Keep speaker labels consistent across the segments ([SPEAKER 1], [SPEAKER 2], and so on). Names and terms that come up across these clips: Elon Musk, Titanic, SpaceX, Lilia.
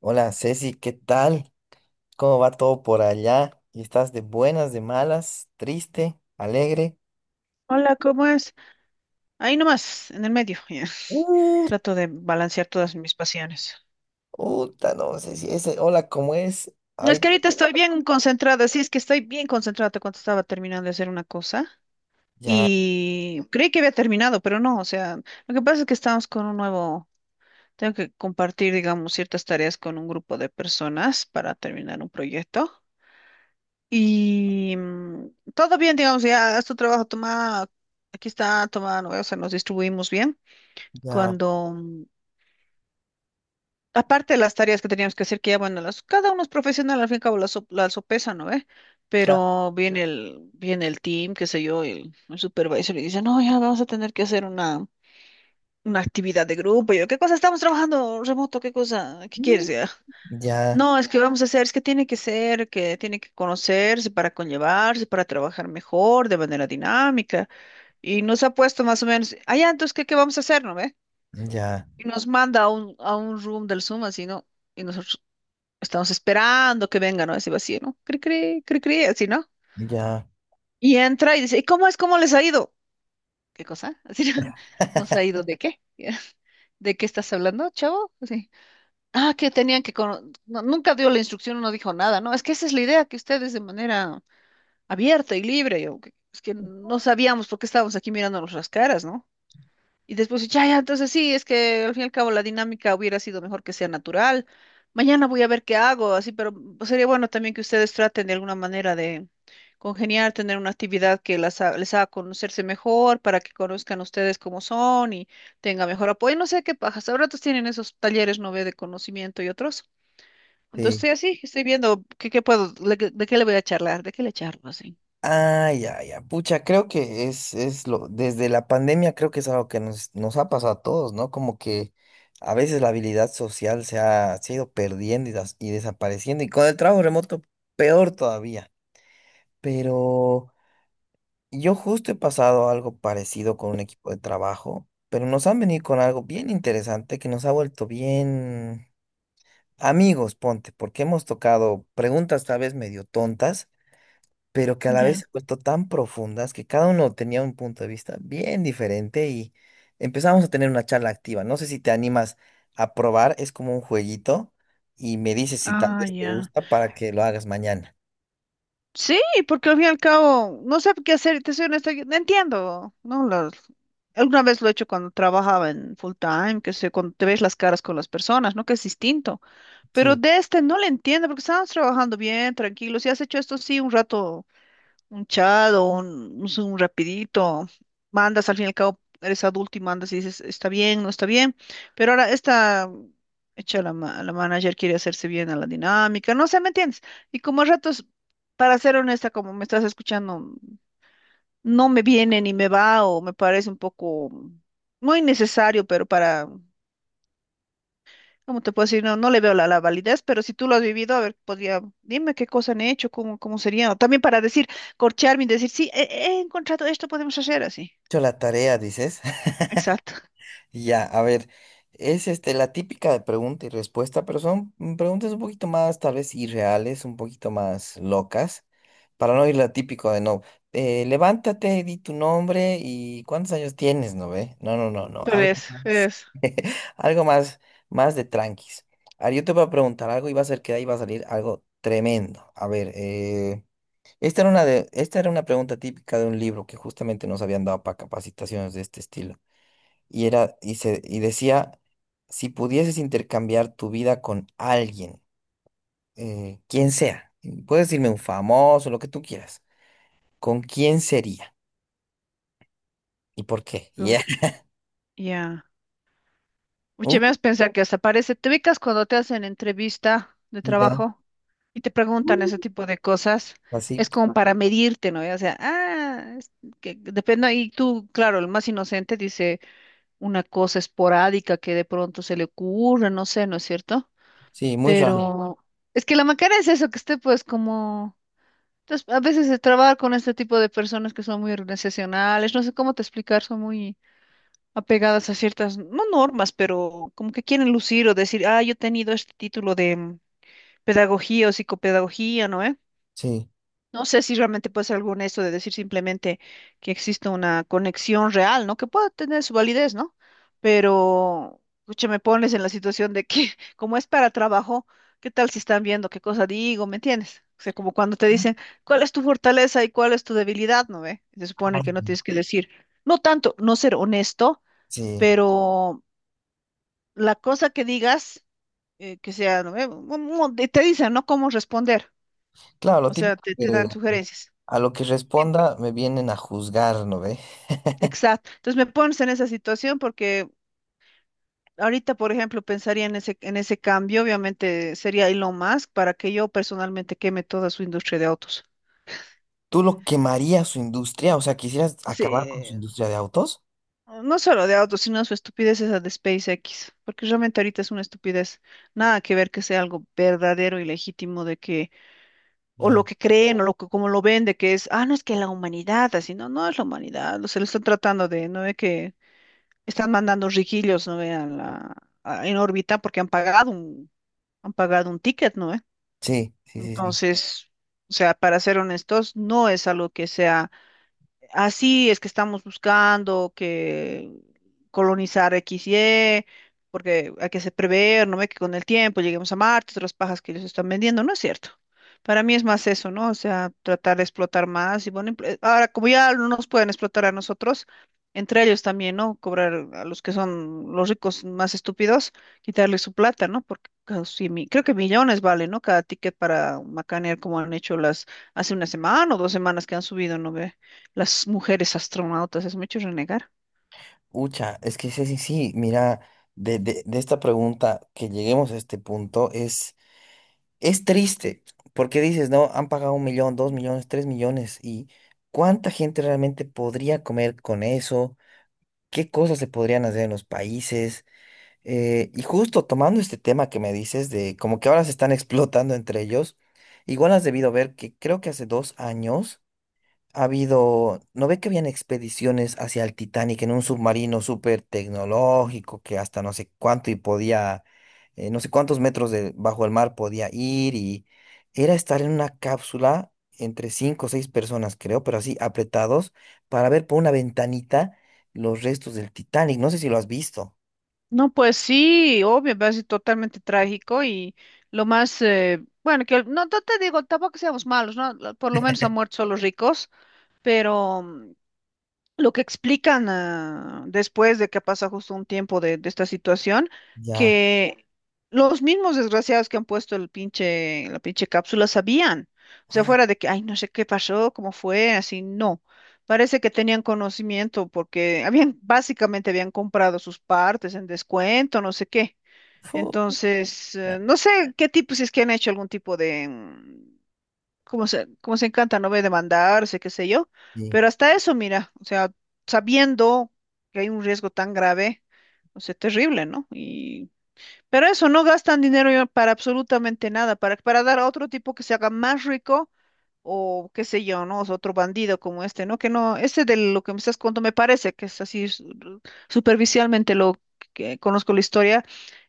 [SPEAKER 1] Hola Ceci, ¿qué tal? ¿Cómo va todo por allá? ¿Y estás de buenas, de malas, triste, alegre?
[SPEAKER 2] Hola, ¿cómo es? Ahí nomás, en el medio. Ya.
[SPEAKER 1] Uh,
[SPEAKER 2] Trato de balancear todas mis pasiones.
[SPEAKER 1] puta, no sé si ese hola, ¿cómo es?
[SPEAKER 2] Es
[SPEAKER 1] Ay,
[SPEAKER 2] que ahorita estoy bien concentrada, sí, es que estoy bien concentrada. Te cuento, estaba terminando de hacer una cosa
[SPEAKER 1] ya,
[SPEAKER 2] y creí que había terminado, pero no, o sea, lo que pasa es que estamos con un nuevo, tengo que compartir, digamos, ciertas tareas con un grupo de personas para terminar un proyecto. Y todo bien, digamos, ya, haz tu trabajo, toma, aquí está, toma, ¿no? O sea, nos distribuimos bien.
[SPEAKER 1] ya,
[SPEAKER 2] Cuando aparte de las tareas que teníamos que hacer, que ya, bueno, las, cada uno es profesional, al fin y al cabo la sopesa, ¿no ve?
[SPEAKER 1] claro.
[SPEAKER 2] Pero viene el team, qué sé yo, el supervisor y dice, no, ya vamos a tener que hacer una, actividad de grupo. Y yo, ¿qué cosa? Estamos trabajando remoto, ¿qué cosa? ¿Qué
[SPEAKER 1] Mm,
[SPEAKER 2] quieres ya?
[SPEAKER 1] ya,
[SPEAKER 2] No, es que vamos a hacer, es que tiene que ser, que tiene que conocerse para conllevarse, para trabajar mejor, de manera dinámica. Y nos ha puesto más o menos, allá, entonces, ¿qué vamos a hacer, no ve?
[SPEAKER 1] ya,
[SPEAKER 2] Y nos manda a un room del Zoom, así, ¿no? Y nosotros, estamos esperando que venga, ¿no? Ese vacío, ¿no? Cri, cri, cri, cri, así, ¿no?
[SPEAKER 1] ya,
[SPEAKER 2] Y entra y dice, ¿y cómo es? ¿Cómo les ha ido? ¿Qué cosa? Así, ¿no? ¿Nos ha ido de qué? ¿De qué estás hablando, chavo? Así. Ah, que tenían que... no, nunca dio la instrucción, no dijo nada, ¿no? Es que esa es la idea, que ustedes de manera abierta y libre, yo, es que no sabíamos por qué estábamos aquí mirándonos las caras, ¿no? Y después, ya, ya, entonces sí, es que al fin y al cabo la dinámica hubiera sido mejor que sea natural. Mañana voy a ver qué hago, así, pero pues, sería bueno también que ustedes traten de alguna manera de congeniar, tener una actividad que las, les haga conocerse mejor, para que conozcan ustedes cómo son y tenga mejor apoyo. No sé qué pajas, ahora tienen esos talleres, no ve, de conocimiento y otros. Entonces,
[SPEAKER 1] sí.
[SPEAKER 2] estoy así, estoy viendo qué puedo, de qué le voy a charlar, de qué le charlo así.
[SPEAKER 1] Ah, ya, ya, pucha, creo que desde la pandemia creo que es algo que nos ha pasado a todos, ¿no? Como que a veces la habilidad social se ha ido perdiendo y desapareciendo, y con el trabajo remoto, peor todavía. Pero yo justo he pasado algo parecido con un equipo de trabajo, pero nos han venido con algo bien interesante que nos ha vuelto bien amigos, ponte, porque hemos tocado preguntas tal vez medio tontas, pero que a la
[SPEAKER 2] Ya.
[SPEAKER 1] vez se
[SPEAKER 2] Mm.
[SPEAKER 1] han vuelto tan profundas que cada uno tenía un punto de vista bien diferente y empezamos a tener una charla activa. No sé si te animas a probar, es como un jueguito y me dices si tal
[SPEAKER 2] Ah,
[SPEAKER 1] vez te
[SPEAKER 2] ya.
[SPEAKER 1] gusta para que lo hagas mañana.
[SPEAKER 2] Sí, porque al fin y al cabo no sé qué hacer, te soy honesta, yo no entiendo, ¿no? Alguna vez lo he hecho cuando trabajaba en full time, que sé, cuando te ves las caras con las personas, ¿no? Que es distinto. Pero
[SPEAKER 1] Sí.
[SPEAKER 2] de este no le entiendo porque estábamos trabajando bien, tranquilos, y has hecho esto sí un rato un chat o un, no sé, un rapidito, mandas, al fin y al cabo eres adulto y mandas y dices, está bien, no está bien, pero ahora esta, hecha la la manager quiere hacerse bien a la dinámica, no sé, ¿me entiendes? Y como a ratos, para ser honesta, como me estás escuchando, no me viene ni me va o me parece un poco, no innecesario, pero para. ¿Cómo te puedo decir? No, no le veo la validez, pero si tú lo has vivido, a ver, podría, dime qué cosa han hecho, cómo sería. O también para decir, corcharme y decir, sí, he encontrado esto, podemos hacer así.
[SPEAKER 1] Hecho la tarea, dices.
[SPEAKER 2] Exacto.
[SPEAKER 1] Ya, a ver, es este la típica de pregunta y respuesta, pero son preguntas un poquito más tal vez irreales, un poquito más locas, para no ir la típico de no, levántate, di tu nombre y cuántos años tienes, ¿no ve? No, no, no, no,
[SPEAKER 2] Pero
[SPEAKER 1] algo
[SPEAKER 2] es,
[SPEAKER 1] más,
[SPEAKER 2] es.
[SPEAKER 1] algo más, más de tranquis. Ahora yo te voy a preguntar algo y va a ser que de ahí va a salir algo tremendo. A ver, esta era esta era una pregunta típica de un libro que justamente nos habían dado para capacitaciones de este estilo y era y se y decía, si pudieses intercambiar tu vida con alguien, quien sea, y puedes decirme un famoso, lo que tú quieras, ¿con quién sería y por qué?
[SPEAKER 2] Pero,
[SPEAKER 1] Ya.
[SPEAKER 2] ya.
[SPEAKER 1] Uh,
[SPEAKER 2] Oye, me pensar que hasta parece, te ubicas cuando te hacen entrevista de
[SPEAKER 1] ya,
[SPEAKER 2] trabajo y te preguntan ese tipo de cosas,
[SPEAKER 1] así,
[SPEAKER 2] es como para medirte, ¿no? O sea, ah, es que depende, y tú, claro, el más inocente dice una cosa esporádica que de pronto se le ocurre, no sé, ¿no es cierto?
[SPEAKER 1] sí, muy raro,
[SPEAKER 2] Pero es que la macana es eso, que esté pues como... Entonces, a veces de trabajar con este tipo de personas que son muy organizacionales, no sé cómo te explicar, son muy apegadas a ciertas, no normas, pero como que quieren lucir o decir, ah, yo he tenido este título de pedagogía o psicopedagogía, ¿no?
[SPEAKER 1] sí,
[SPEAKER 2] No sé si realmente puede ser alguna eso de decir simplemente que existe una conexión real, ¿no? Que pueda tener su validez, ¿no? Pero, escucha, me pones en la situación de que, como es para trabajo, ¿qué tal si están viendo qué cosa digo? ¿Me entiendes? O sea, como cuando te dicen, ¿cuál es tu fortaleza y cuál es tu debilidad? ¿No ve? Se supone
[SPEAKER 1] ay,
[SPEAKER 2] que no tienes que decir, no tanto, no ser honesto,
[SPEAKER 1] sí,
[SPEAKER 2] pero la cosa que digas, que sea, ¿no ve? Te dicen, ¿no? Cómo responder.
[SPEAKER 1] claro,
[SPEAKER 2] O sea, te dan sugerencias.
[SPEAKER 1] a lo que responda me vienen a juzgar, ¿no ve?
[SPEAKER 2] Exacto. Entonces me pones en esa situación porque ahorita, por ejemplo, pensaría en ese, cambio, obviamente sería Elon Musk para que yo personalmente queme toda su industria de autos.
[SPEAKER 1] ¿Tú lo quemarías su industria? O sea, ¿quisieras
[SPEAKER 2] Sí,
[SPEAKER 1] acabar con su industria de autos?
[SPEAKER 2] no solo de autos, sino su estupidez esa de SpaceX, porque realmente ahorita es una estupidez. Nada que ver que sea algo verdadero y legítimo de que, o lo
[SPEAKER 1] Ya.
[SPEAKER 2] que creen, o lo que, como lo vende, que es, ah, no es que la humanidad, así, no, no es la humanidad, se lo están tratando de, no ve que están mandando riquillos, no vean la en órbita porque han pagado un ticket, ¿no? ¿Eh?
[SPEAKER 1] Sí, sí, sí, sí.
[SPEAKER 2] Entonces, o sea, para ser honestos, no es algo que sea así es que estamos buscando que colonizar X Y, porque hay que se prever, ¿no ve? Que con el tiempo lleguemos a Marte, otras pajas que ellos están vendiendo, no es cierto. Para mí es más eso, ¿no? O sea, tratar de explotar más y bueno, ahora como ya no nos pueden explotar a nosotros, entre ellos también, ¿no? Cobrar a los que son los ricos más estúpidos, quitarles su plata, ¿no? Porque creo que millones vale, ¿no? Cada ticket para macanear como han hecho las, hace una semana o 2 semanas que han subido, ¿no ve?, las mujeres astronautas, es mucho renegar.
[SPEAKER 1] Ucha, es que sí, sí, sí, mira, de esta pregunta que lleguemos a este punto es triste, porque dices, no, han pagado 1 millón, 2 millones, 3 millones, y ¿cuánta gente realmente podría comer con eso? ¿Qué cosas se podrían hacer en los países? Y justo tomando este tema que me dices de como que ahora se están explotando entre ellos, igual has debido ver que creo que hace 2 años ha habido, ¿no ve que habían expediciones hacia el Titanic en un submarino súper tecnológico que hasta no sé cuánto y podía, no sé cuántos metros de, bajo el mar podía ir y era estar en una cápsula entre cinco o seis personas, creo, pero así apretados para ver por una ventanita los restos del Titanic. No sé si lo has visto.
[SPEAKER 2] No, pues sí, obvio, va a ser totalmente trágico y lo más, bueno, que no, no te digo, tampoco que seamos malos, ¿no? Por lo menos han muerto solo los ricos, pero lo que explican ah, después de que pasa justo un tiempo de esta situación,
[SPEAKER 1] Ya.
[SPEAKER 2] que los mismos desgraciados que han puesto el pinche, la pinche cápsula sabían. O sea,
[SPEAKER 1] Ah,
[SPEAKER 2] fuera de que, ay, no sé qué pasó, cómo fue, así, no. Parece que tenían conocimiento porque habían, básicamente habían comprado sus partes en descuento, no sé qué.
[SPEAKER 1] fu-
[SPEAKER 2] Entonces, no sé qué tipo, si es que han hecho algún tipo de, como se encanta, no ve demandarse, qué sé yo,
[SPEAKER 1] Sí,
[SPEAKER 2] pero hasta eso, mira, o sea, sabiendo que hay un riesgo tan grave, o sea, terrible, ¿no? Y, pero eso, no gastan dinero ya para absolutamente nada, para dar a otro tipo que se haga más rico o qué sé yo, ¿no? O sea, otro bandido como este, ¿no? Que no, este de lo que me estás contando me parece que es así superficialmente lo que conozco la historia,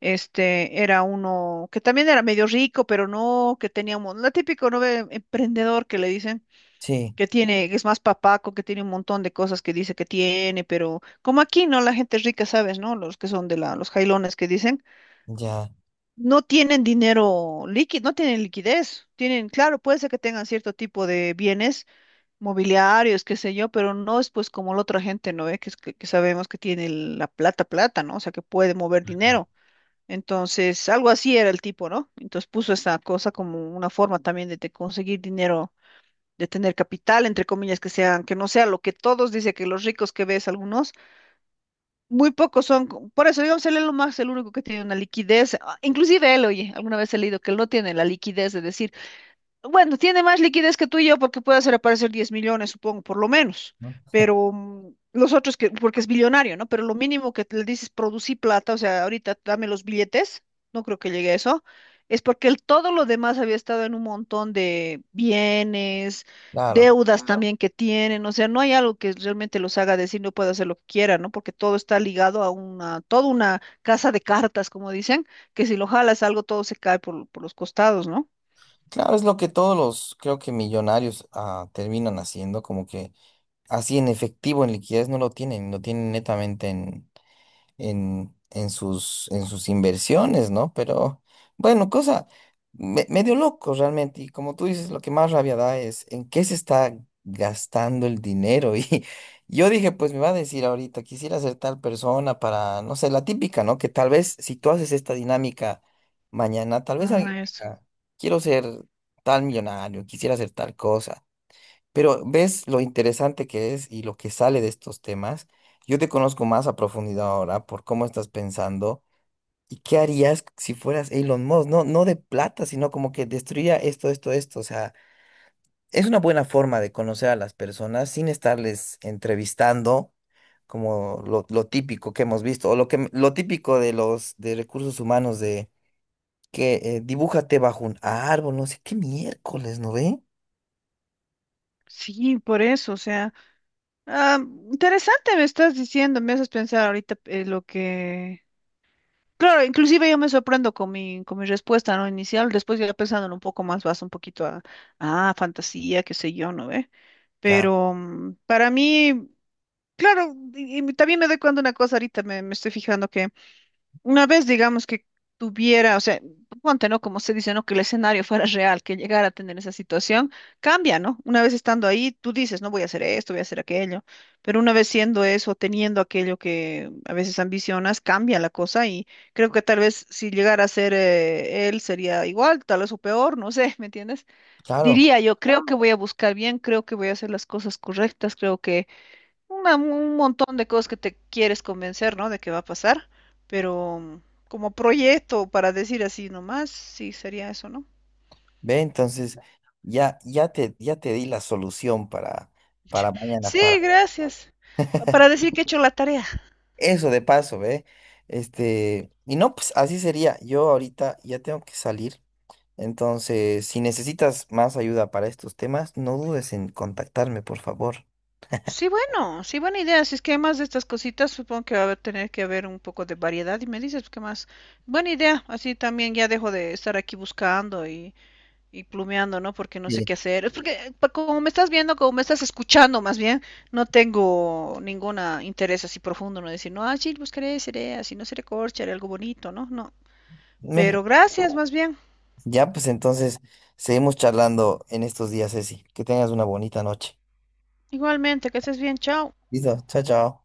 [SPEAKER 2] este era uno que también era medio rico, pero no, que tenía un la típico, ¿no ve?, emprendedor que le dicen
[SPEAKER 1] sí,
[SPEAKER 2] que tiene, que es más papaco, que tiene un montón de cosas que dice que tiene, pero como aquí, ¿no? La gente rica, ¿sabes, no? Los que son de la, los jailones que dicen
[SPEAKER 1] ya.
[SPEAKER 2] no tienen dinero líquido, no tienen liquidez. Tienen, claro, puede ser que tengan cierto tipo de bienes mobiliarios, qué sé yo, pero no es pues como la otra gente, ¿no ve? Es que sabemos que tiene la plata, plata, ¿no? O sea, que puede mover
[SPEAKER 1] No,
[SPEAKER 2] dinero. Entonces, algo así era el tipo, ¿no? Entonces puso esa cosa como una forma también de conseguir dinero, de tener capital, entre comillas, que sean, que no sea lo que todos dicen que los ricos que ves algunos, muy pocos son, por eso digamos, él es lo más, el único que tiene una liquidez, ah, inclusive él, oye, alguna vez he leído que él no tiene la liquidez de decir bueno, tiene más liquidez que tú y yo porque puede hacer aparecer 10 millones, supongo, por lo menos.
[SPEAKER 1] no,
[SPEAKER 2] Pero los otros que, porque es billonario, ¿no? Pero lo mínimo que le dices producí plata, o sea, ahorita dame los billetes, no creo que llegue a eso, es porque él todo lo demás había estado en un montón de bienes,
[SPEAKER 1] claro.
[SPEAKER 2] deudas también que tienen, o sea, no hay algo que realmente los haga decir no puede hacer lo que quiera, ¿no? Porque todo está ligado a una, toda una casa de cartas, como dicen, que si lo jalas algo, todo se cae por los costados, ¿no?
[SPEAKER 1] Claro, es lo que todos los, creo que millonarios terminan haciendo, como que así en efectivo, en liquidez, no lo tienen, lo tienen netamente en sus inversiones, ¿no? Pero bueno, cosa medio loco realmente. Y como tú dices, lo que más rabia da es en qué se está gastando el dinero. Y yo dije, pues me va a decir ahorita, quisiera ser tal persona para, no sé, la típica, ¿no? Que tal vez si tú haces esta dinámica mañana, tal vez alguien
[SPEAKER 2] Ah, eso.
[SPEAKER 1] diga, quiero ser tal millonario, quisiera hacer tal cosa. Pero ves lo interesante que es y lo que sale de estos temas. Yo te conozco más a profundidad ahora por cómo estás pensando y qué harías si fueras Elon Musk, no, no de plata, sino como que destruiría esto, esto, esto. O sea, es una buena forma de conocer a las personas sin estarles entrevistando como lo típico que hemos visto o lo típico de los de recursos humanos de que dibújate bajo un árbol, no sé qué miércoles, ¿no ve?
[SPEAKER 2] Sí, por eso, o sea, ah, interesante me estás diciendo, me haces pensar ahorita lo que... Claro, inclusive yo me sorprendo con mi, respuesta, ¿no? Inicial, después ya pensándolo un poco más, vas un poquito a, ah, fantasía, qué sé yo, ¿no ve?
[SPEAKER 1] Claro,
[SPEAKER 2] Pero para mí, claro, y también me doy cuenta de una cosa ahorita, me estoy fijando que una vez, digamos, que tuviera, o sea, ponte, ¿no? Como se dice, ¿no? Que el escenario fuera real, que llegara a tener esa situación, cambia, ¿no? Una vez estando ahí, tú dices, no voy a hacer esto, voy a hacer aquello, pero una vez siendo eso, teniendo aquello que a veces ambicionas, cambia la cosa y creo que tal vez si llegara a ser él sería igual, tal vez o peor, no sé, ¿me entiendes?
[SPEAKER 1] claro.
[SPEAKER 2] Diría yo, creo que voy a buscar bien, creo que voy a hacer las cosas correctas, creo que un montón de cosas que te quieres convencer, ¿no? De que va a pasar, pero como proyecto, para decir así nomás, sí, sería eso, ¿no?
[SPEAKER 1] Ve, entonces ya te di la solución para mañana,
[SPEAKER 2] Sí,
[SPEAKER 1] para
[SPEAKER 2] gracias. Para decir que he hecho la tarea.
[SPEAKER 1] eso de paso, ve. Este, y no, pues así sería. Yo ahorita ya tengo que salir. Entonces, si necesitas más ayuda para estos temas, no dudes en contactarme, por favor.
[SPEAKER 2] Sí, bueno, sí, buena idea. Si es que hay más de estas cositas, supongo que va a tener que haber un poco de variedad y me dices qué más. Buena idea, así también ya dejo de estar aquí buscando y plumeando, ¿no? Porque no sé
[SPEAKER 1] Sí.
[SPEAKER 2] qué hacer. Es porque como me estás viendo, como me estás escuchando más bien, no tengo ningún interés así profundo, ¿no? Decir, no, ah, sí, buscaré, seré así, no seré corcha, haré algo bonito, ¿no? No.
[SPEAKER 1] Me-
[SPEAKER 2] Pero gracias más bien.
[SPEAKER 1] ya, pues entonces seguimos charlando en estos días, Ceci. Que tengas una bonita noche.
[SPEAKER 2] Igualmente, que estés bien, chao.
[SPEAKER 1] Listo, chao, chao.